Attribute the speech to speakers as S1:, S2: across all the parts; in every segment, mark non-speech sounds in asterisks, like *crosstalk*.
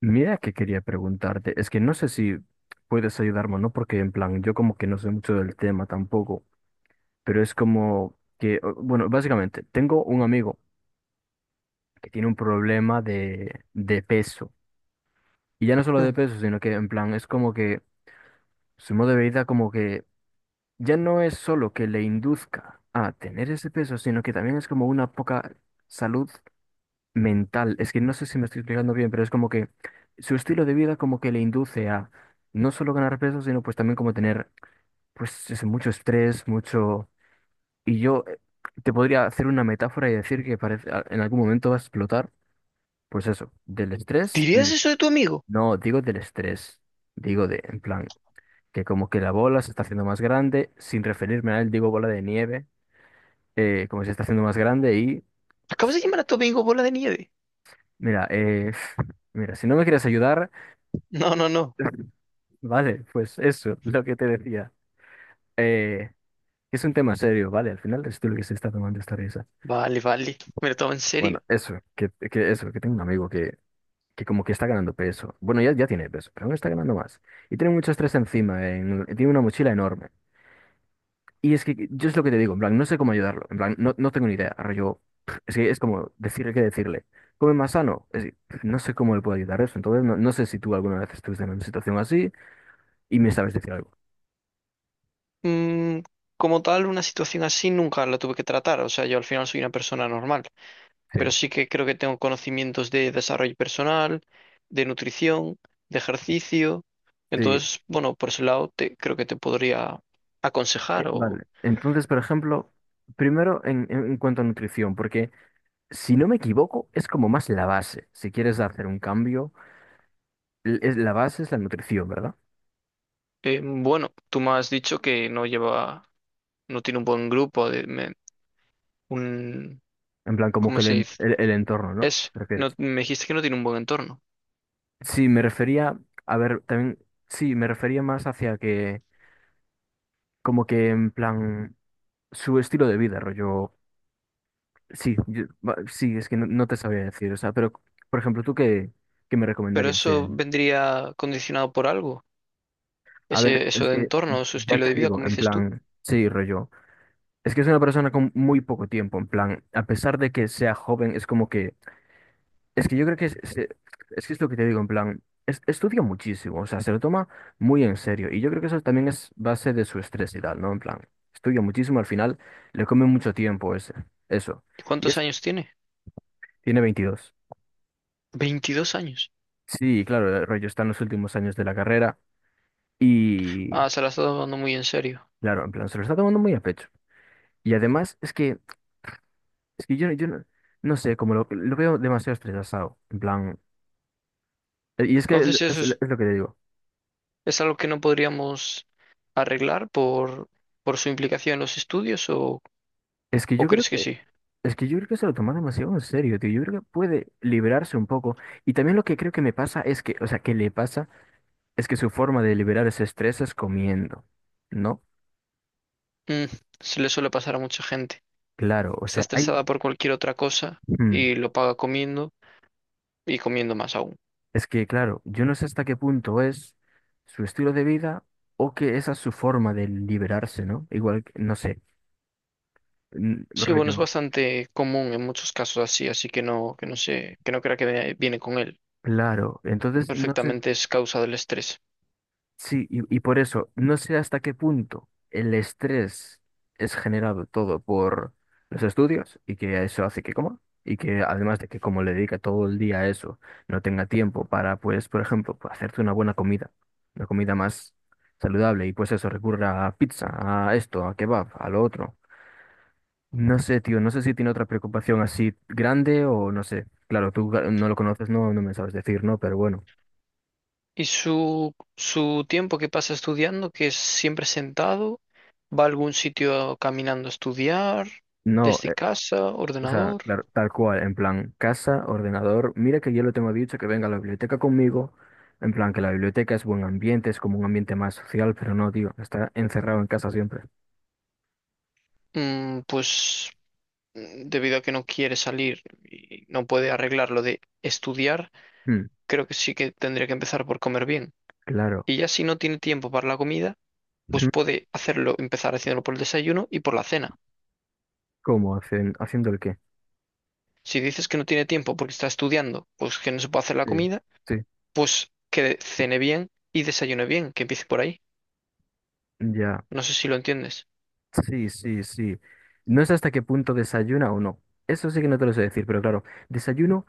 S1: Mira que quería preguntarte, es que no sé si puedes ayudarme o no, porque en plan, yo como que no sé mucho del tema tampoco, pero es como que, bueno, básicamente, tengo un amigo que tiene un problema de peso, y ya no solo de
S2: Mm.
S1: peso, sino que en plan, es como que su modo de vida como que ya no es solo que le induzca a tener ese peso, sino que también es como una poca salud mental. Es que no sé si me estoy explicando bien, pero es como que su estilo de vida como que le induce a no solo ganar peso, sino pues también como tener pues eso, mucho estrés, mucho... Y yo te podría hacer una metáfora y decir que parece, en algún momento va a explotar, pues eso, del estrés y...
S2: ¿Dirías eso de tu amigo?
S1: No, digo del estrés, digo de, en plan, que como que la bola se está haciendo más grande, sin referirme a él, digo bola de nieve, como se está haciendo más grande y
S2: Acabas
S1: pues
S2: de llamar a tu amigo bola de nieve.
S1: mira, *laughs* mira, si no me quieres ayudar...
S2: No, no, no.
S1: Vale, pues eso, lo que te decía. Eh, es un tema serio, ¿vale? Al final es tú lo que se está tomando esta risa.
S2: Vale, vale. Me lo tomo en
S1: Bueno,
S2: serio.
S1: eso, que eso, que tengo un amigo que como que está ganando peso. Bueno, ya tiene peso, pero aún está ganando más. Y tiene mucho estrés encima, tiene una mochila enorme. Y es que yo es lo que te digo, en plan, no sé cómo ayudarlo. En plan, no, no tengo ni idea. Yo, *smacks lips* es que es como decirle qué decirle. Come más sano. Es que, *smacks lips* no sé cómo le puedo ayudar eso. Entonces, no, no sé si tú alguna vez estuviste en una situación así y me sabes decir algo.
S2: Mm, como tal, una situación así nunca la tuve que tratar. O sea, yo al final soy una persona normal.
S1: Sí.
S2: Pero sí que creo que tengo conocimientos de desarrollo personal, de nutrición, de ejercicio.
S1: Sí,
S2: Entonces, bueno, por ese lado creo que te podría aconsejar.
S1: Vale, entonces, por ejemplo, primero en cuanto a nutrición, porque si no me equivoco, es como más la base. Si quieres hacer un cambio, es, la base es la nutrición, ¿verdad?
S2: Bueno, tú me has dicho que no lleva, no tiene un buen grupo de, un,
S1: En plan, como que
S2: ¿cómo se dice?
S1: el entorno, ¿no? ¿Te refieres?
S2: No, me dijiste que no tiene un buen entorno,
S1: Sí, me refería, a ver, también, sí, me refería más hacia que, como que en plan, su estilo de vida, rollo. Sí, sí, es que no, no te sabía decir, o sea, pero, por ejemplo, ¿tú qué, qué me
S2: pero
S1: recomendarías?
S2: eso vendría condicionado por algo,
S1: A ver, es
S2: eso de
S1: que
S2: entorno, su
S1: ya
S2: estilo
S1: te
S2: de vida,
S1: digo,
S2: como
S1: en
S2: dices tú.
S1: plan, sí, rollo. Es que es una persona con muy poco tiempo, en plan, a pesar de que sea joven, es como que, es que yo creo que es que es lo que te digo, en plan, estudia muchísimo, o sea, se lo toma muy en serio, y yo creo que eso también es base de su estrés y tal, ¿no? En plan, estudia muchísimo, al final le come mucho tiempo ese, eso,
S2: ¿Y
S1: y
S2: ¿Cuántos
S1: es,
S2: años tiene?
S1: tiene 22.
S2: 22 años.
S1: Sí, claro, el rollo está en los últimos años de la carrera, y
S2: Ah, se la está tomando muy en serio.
S1: claro, en plan, se lo está tomando muy a pecho, y además es que yo no, no sé, como lo veo demasiado estresado, en plan... Y es que
S2: Entonces eso
S1: es lo que te digo.
S2: es algo que no podríamos arreglar por su implicación en los estudios o,
S1: Es que
S2: ¿o
S1: yo creo
S2: crees
S1: que,
S2: que sí?
S1: es que yo creo que se lo toman demasiado en serio, tío. Yo creo que puede liberarse un poco. Y también lo que creo que me pasa es que, o sea, que le pasa es que su forma de liberar ese estrés es comiendo, ¿no?
S2: Mm, se le suele pasar a mucha gente.
S1: Claro, o
S2: Está
S1: sea, hay,
S2: estresada por cualquier otra cosa
S1: mm,
S2: y lo paga comiendo y comiendo más aún.
S1: es que, claro, yo no sé hasta qué punto es su estilo de vida o que esa es su forma de liberarse, ¿no? Igual, no sé,
S2: Sí, bueno, es
S1: rollo.
S2: bastante común en muchos casos así, así que no sé, que no crea que viene con él.
S1: Claro, entonces no sé
S2: Perfectamente es causa del estrés.
S1: sí, y por eso, no sé hasta qué punto el estrés es generado todo por los estudios y que eso hace que coma y que además de que como le dedica todo el día a eso, no tenga tiempo para, pues, por ejemplo, pues, hacerte una buena comida, una comida más saludable y pues eso, recurra a pizza, a esto, a kebab, a lo otro. No sé, tío, no sé si tiene otra preocupación así grande o no sé. Claro, tú claro, no lo conoces, no, no me sabes decir, ¿no? Pero bueno.
S2: ¿Y su tiempo que pasa estudiando, que es siempre sentado? ¿Va a algún sitio caminando a estudiar?
S1: No,
S2: ¿Desde casa?
S1: o sea,
S2: ¿Ordenador?
S1: claro, tal cual, en plan, casa, ordenador. Mira que yo le tengo dicho que venga a la biblioteca conmigo. En plan, que la biblioteca es buen ambiente, es como un ambiente más social, pero no, tío, está encerrado en casa siempre.
S2: Mm, pues mm, debido a que no quiere salir y no puede arreglar lo de estudiar,
S1: Mm,
S2: creo que sí que tendría que empezar por comer bien.
S1: claro.
S2: Y ya si no tiene tiempo para la comida, pues
S1: Mm,
S2: puede hacerlo, empezar haciéndolo por el desayuno y por la cena.
S1: ¿cómo? ¿Hacen, haciendo el qué?
S2: Si dices que no tiene tiempo porque está estudiando, pues que no se puede hacer la
S1: Sí.
S2: comida,
S1: Sí,
S2: pues que cene bien y desayune bien, que empiece por ahí.
S1: ya.
S2: No sé si lo entiendes.
S1: Sí, sí, sí. No sé hasta qué punto desayuna o no. Eso sí que no te lo sé decir, pero claro, desayuno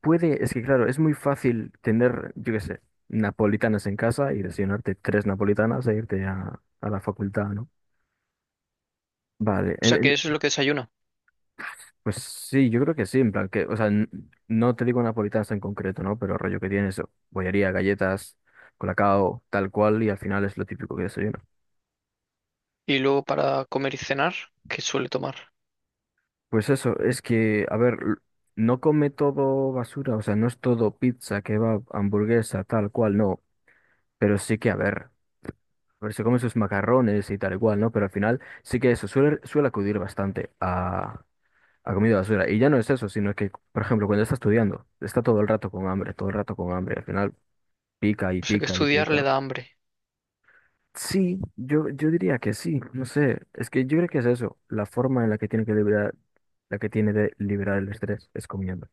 S1: puede, es que claro, es muy fácil tener, yo qué sé, napolitanas en casa y desayunarte tres napolitanas e irte a la facultad, ¿no? Vale,
S2: O sea, que eso es lo que desayuna.
S1: pues sí, yo creo que sí, en plan que, o sea, no te digo napolitanas en concreto, ¿no? Pero rollo que tienes bollería, galletas, colacao, tal cual, y al final es lo típico que desayuno.
S2: Y luego para comer y cenar, ¿qué suele tomar?
S1: Pues eso, es que, a ver, no come todo basura, o sea, no es todo pizza, kebab, hamburguesa, tal cual, no, pero sí que, a ver, se come sus macarrones y tal y cual, ¿no? Pero al final sí que eso suele, suele acudir bastante ha comido basura. Y ya no es eso, sino que, por ejemplo, cuando está estudiando, está todo el rato con hambre, todo el rato con hambre. Al final pica y
S2: O sea, que
S1: pica y
S2: estudiar le
S1: pica.
S2: da hambre.
S1: Sí, yo diría que sí, no sé. Es que yo creo que es eso, la forma en la que tiene que liberar, la que tiene de liberar el estrés es comiendo.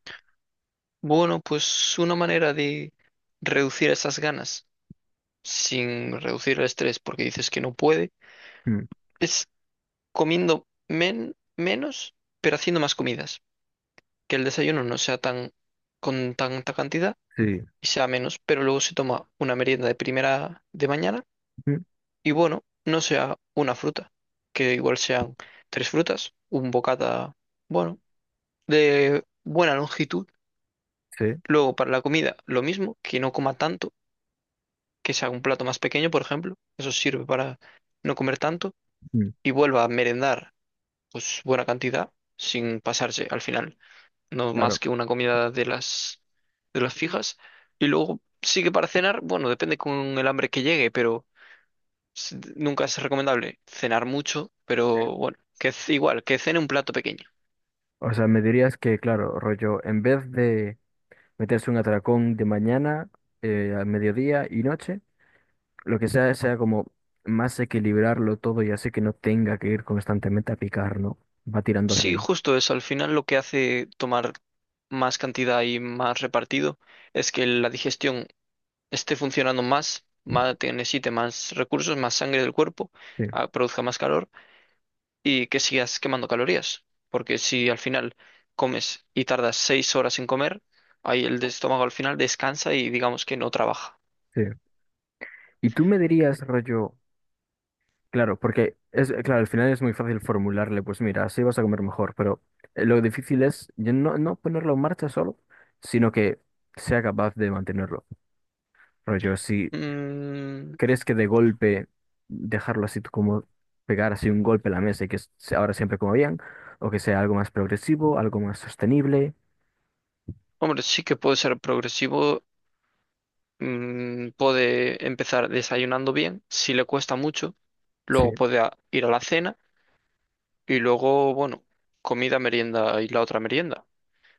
S2: Bueno, pues una manera de reducir esas ganas sin reducir el estrés porque dices que no puede
S1: Mm,
S2: es comiendo menos, pero haciendo más comidas. Que el desayuno no sea tan con tanta cantidad
S1: sí,
S2: y sea menos, pero luego se toma una merienda de primera de mañana
S1: mm,
S2: y bueno, no sea una fruta, que igual sean tres frutas, un bocata, bueno, de buena longitud.
S1: sí,
S2: Luego para la comida, lo mismo, que no coma tanto, que sea un plato más pequeño, por ejemplo, eso sirve para no comer tanto
S1: mm,
S2: y vuelva a merendar pues buena cantidad sin pasarse al final. No más
S1: claro.
S2: que una comida de las fijas. Y luego sí que para cenar, bueno, depende con el hambre que llegue, pero nunca es recomendable cenar mucho,
S1: Sí.
S2: pero bueno, que igual, que cene un plato pequeño.
S1: O sea, me dirías que, claro, rollo, en vez de meterse un atracón de mañana, al mediodía y noche, lo que sea, sea como más equilibrarlo todo y así que no tenga que ir constantemente a picar, ¿no? Va tirando hacia
S2: Sí,
S1: ahí.
S2: justo eso, al final lo que hace tomar más cantidad y más repartido es que la digestión esté funcionando más, más necesite más recursos, más sangre del cuerpo,
S1: Sí,
S2: produzca más calor y que sigas quemando calorías. Porque si al final comes y tardas 6 horas en comer, ahí el estómago al final descansa y digamos que no trabaja.
S1: sí. Y tú me dirías, rollo, claro, porque es, claro, al final es muy fácil formularle, pues mira, así vas a comer mejor, pero lo difícil es ya no, no ponerlo en marcha solo, sino que sea capaz de mantenerlo. Rollo, si
S2: Mm,
S1: crees que de golpe dejarlo así tú como pegar así un golpe a la mesa y que ahora siempre como bien, o que sea algo más progresivo, algo más sostenible.
S2: hombre, sí que puede ser progresivo. Mm, puede empezar desayunando bien, si le cuesta mucho, luego
S1: Sí.
S2: puede ir a la cena y luego, bueno, comida, merienda y la otra merienda.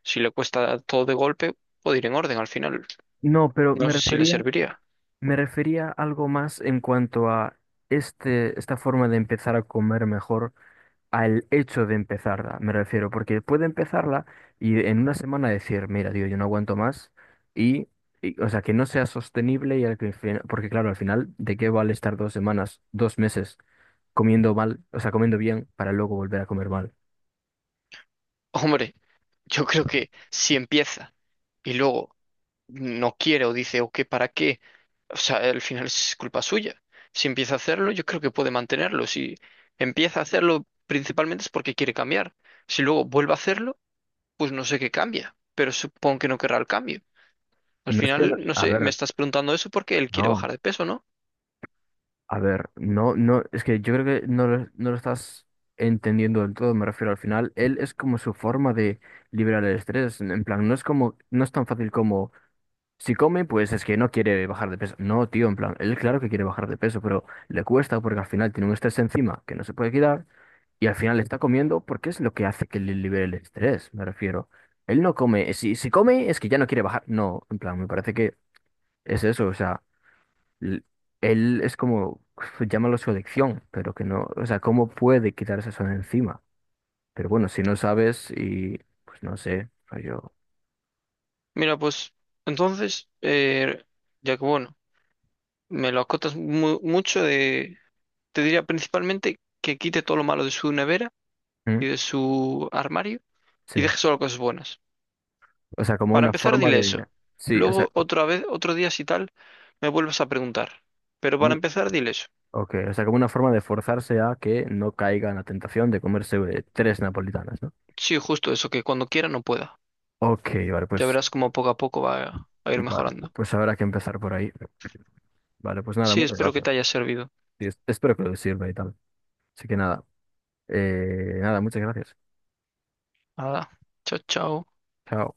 S2: Si le cuesta todo de golpe, puede ir en orden al final.
S1: No, pero
S2: No sé si le serviría.
S1: me refería a algo más en cuanto a esta forma de empezar a comer mejor, al hecho de empezarla, me refiero, porque puede empezarla y en una semana decir, mira, tío, yo no aguanto más y, y, o sea, que no sea sostenible y al que porque claro, al final, ¿de qué vale estar dos semanas, dos meses comiendo mal, o sea, comiendo bien para luego volver a comer mal?
S2: *laughs* Hombre, yo creo que si empieza y luego no quiere o dice, o qué, ¿para qué? O sea, al final es culpa suya. Si empieza a hacerlo, yo creo que puede mantenerlo. Si empieza a hacerlo, principalmente es porque quiere cambiar. Si luego vuelve a hacerlo, pues no sé qué cambia, pero supongo que no querrá el cambio. Al
S1: No es que,
S2: final, no
S1: a
S2: sé, me
S1: ver,
S2: estás preguntando eso porque él quiere
S1: no.
S2: bajar de peso, ¿no?
S1: A ver, no, no, es que yo creo que no lo estás entendiendo del todo, me refiero al final, él es como su forma de liberar el estrés, en plan, no es como, no es tan fácil como, si come, pues es que no quiere bajar de peso, no, tío, en plan, él claro que quiere bajar de peso, pero le cuesta porque al final tiene un estrés encima que no se puede quitar y al final está comiendo porque es lo que hace que le libere el estrés, me refiero. Él no come, si come es que ya no quiere bajar, no, en plan, me parece que es eso, o sea l- él es como, *laughs* llámalo su adicción, pero que no, o sea, ¿cómo puede quitarse eso de encima? Pero bueno, si no sabes y, pues no sé, yo,
S2: Mira, pues entonces, ya que bueno, me lo acotas mucho, de, te diría principalmente que quite todo lo malo de su nevera
S1: ¿mm?
S2: y de su armario
S1: Sí,
S2: y deje solo cosas buenas.
S1: o sea, como
S2: Para
S1: una
S2: empezar,
S1: forma
S2: dile
S1: de,
S2: eso.
S1: sí, o sea,
S2: Luego, otra vez, otro día, si tal, me vuelves a preguntar. Pero para
S1: bueno,
S2: empezar, dile eso.
S1: ok, o sea, como una forma de forzarse a que no caiga en la tentación de comerse tres napolitanas, ¿no?
S2: Sí, justo eso, que cuando quiera no pueda.
S1: Ok,
S2: Ya verás cómo poco a poco va a ir
S1: vale,
S2: mejorando.
S1: pues habrá que empezar por ahí. Vale, pues nada,
S2: Sí,
S1: muchas
S2: espero que
S1: gracias.
S2: te haya servido.
S1: Y espero que lo sirva y tal. Así que nada, nada, muchas gracias.
S2: Nada. Chao, chao.
S1: Chao.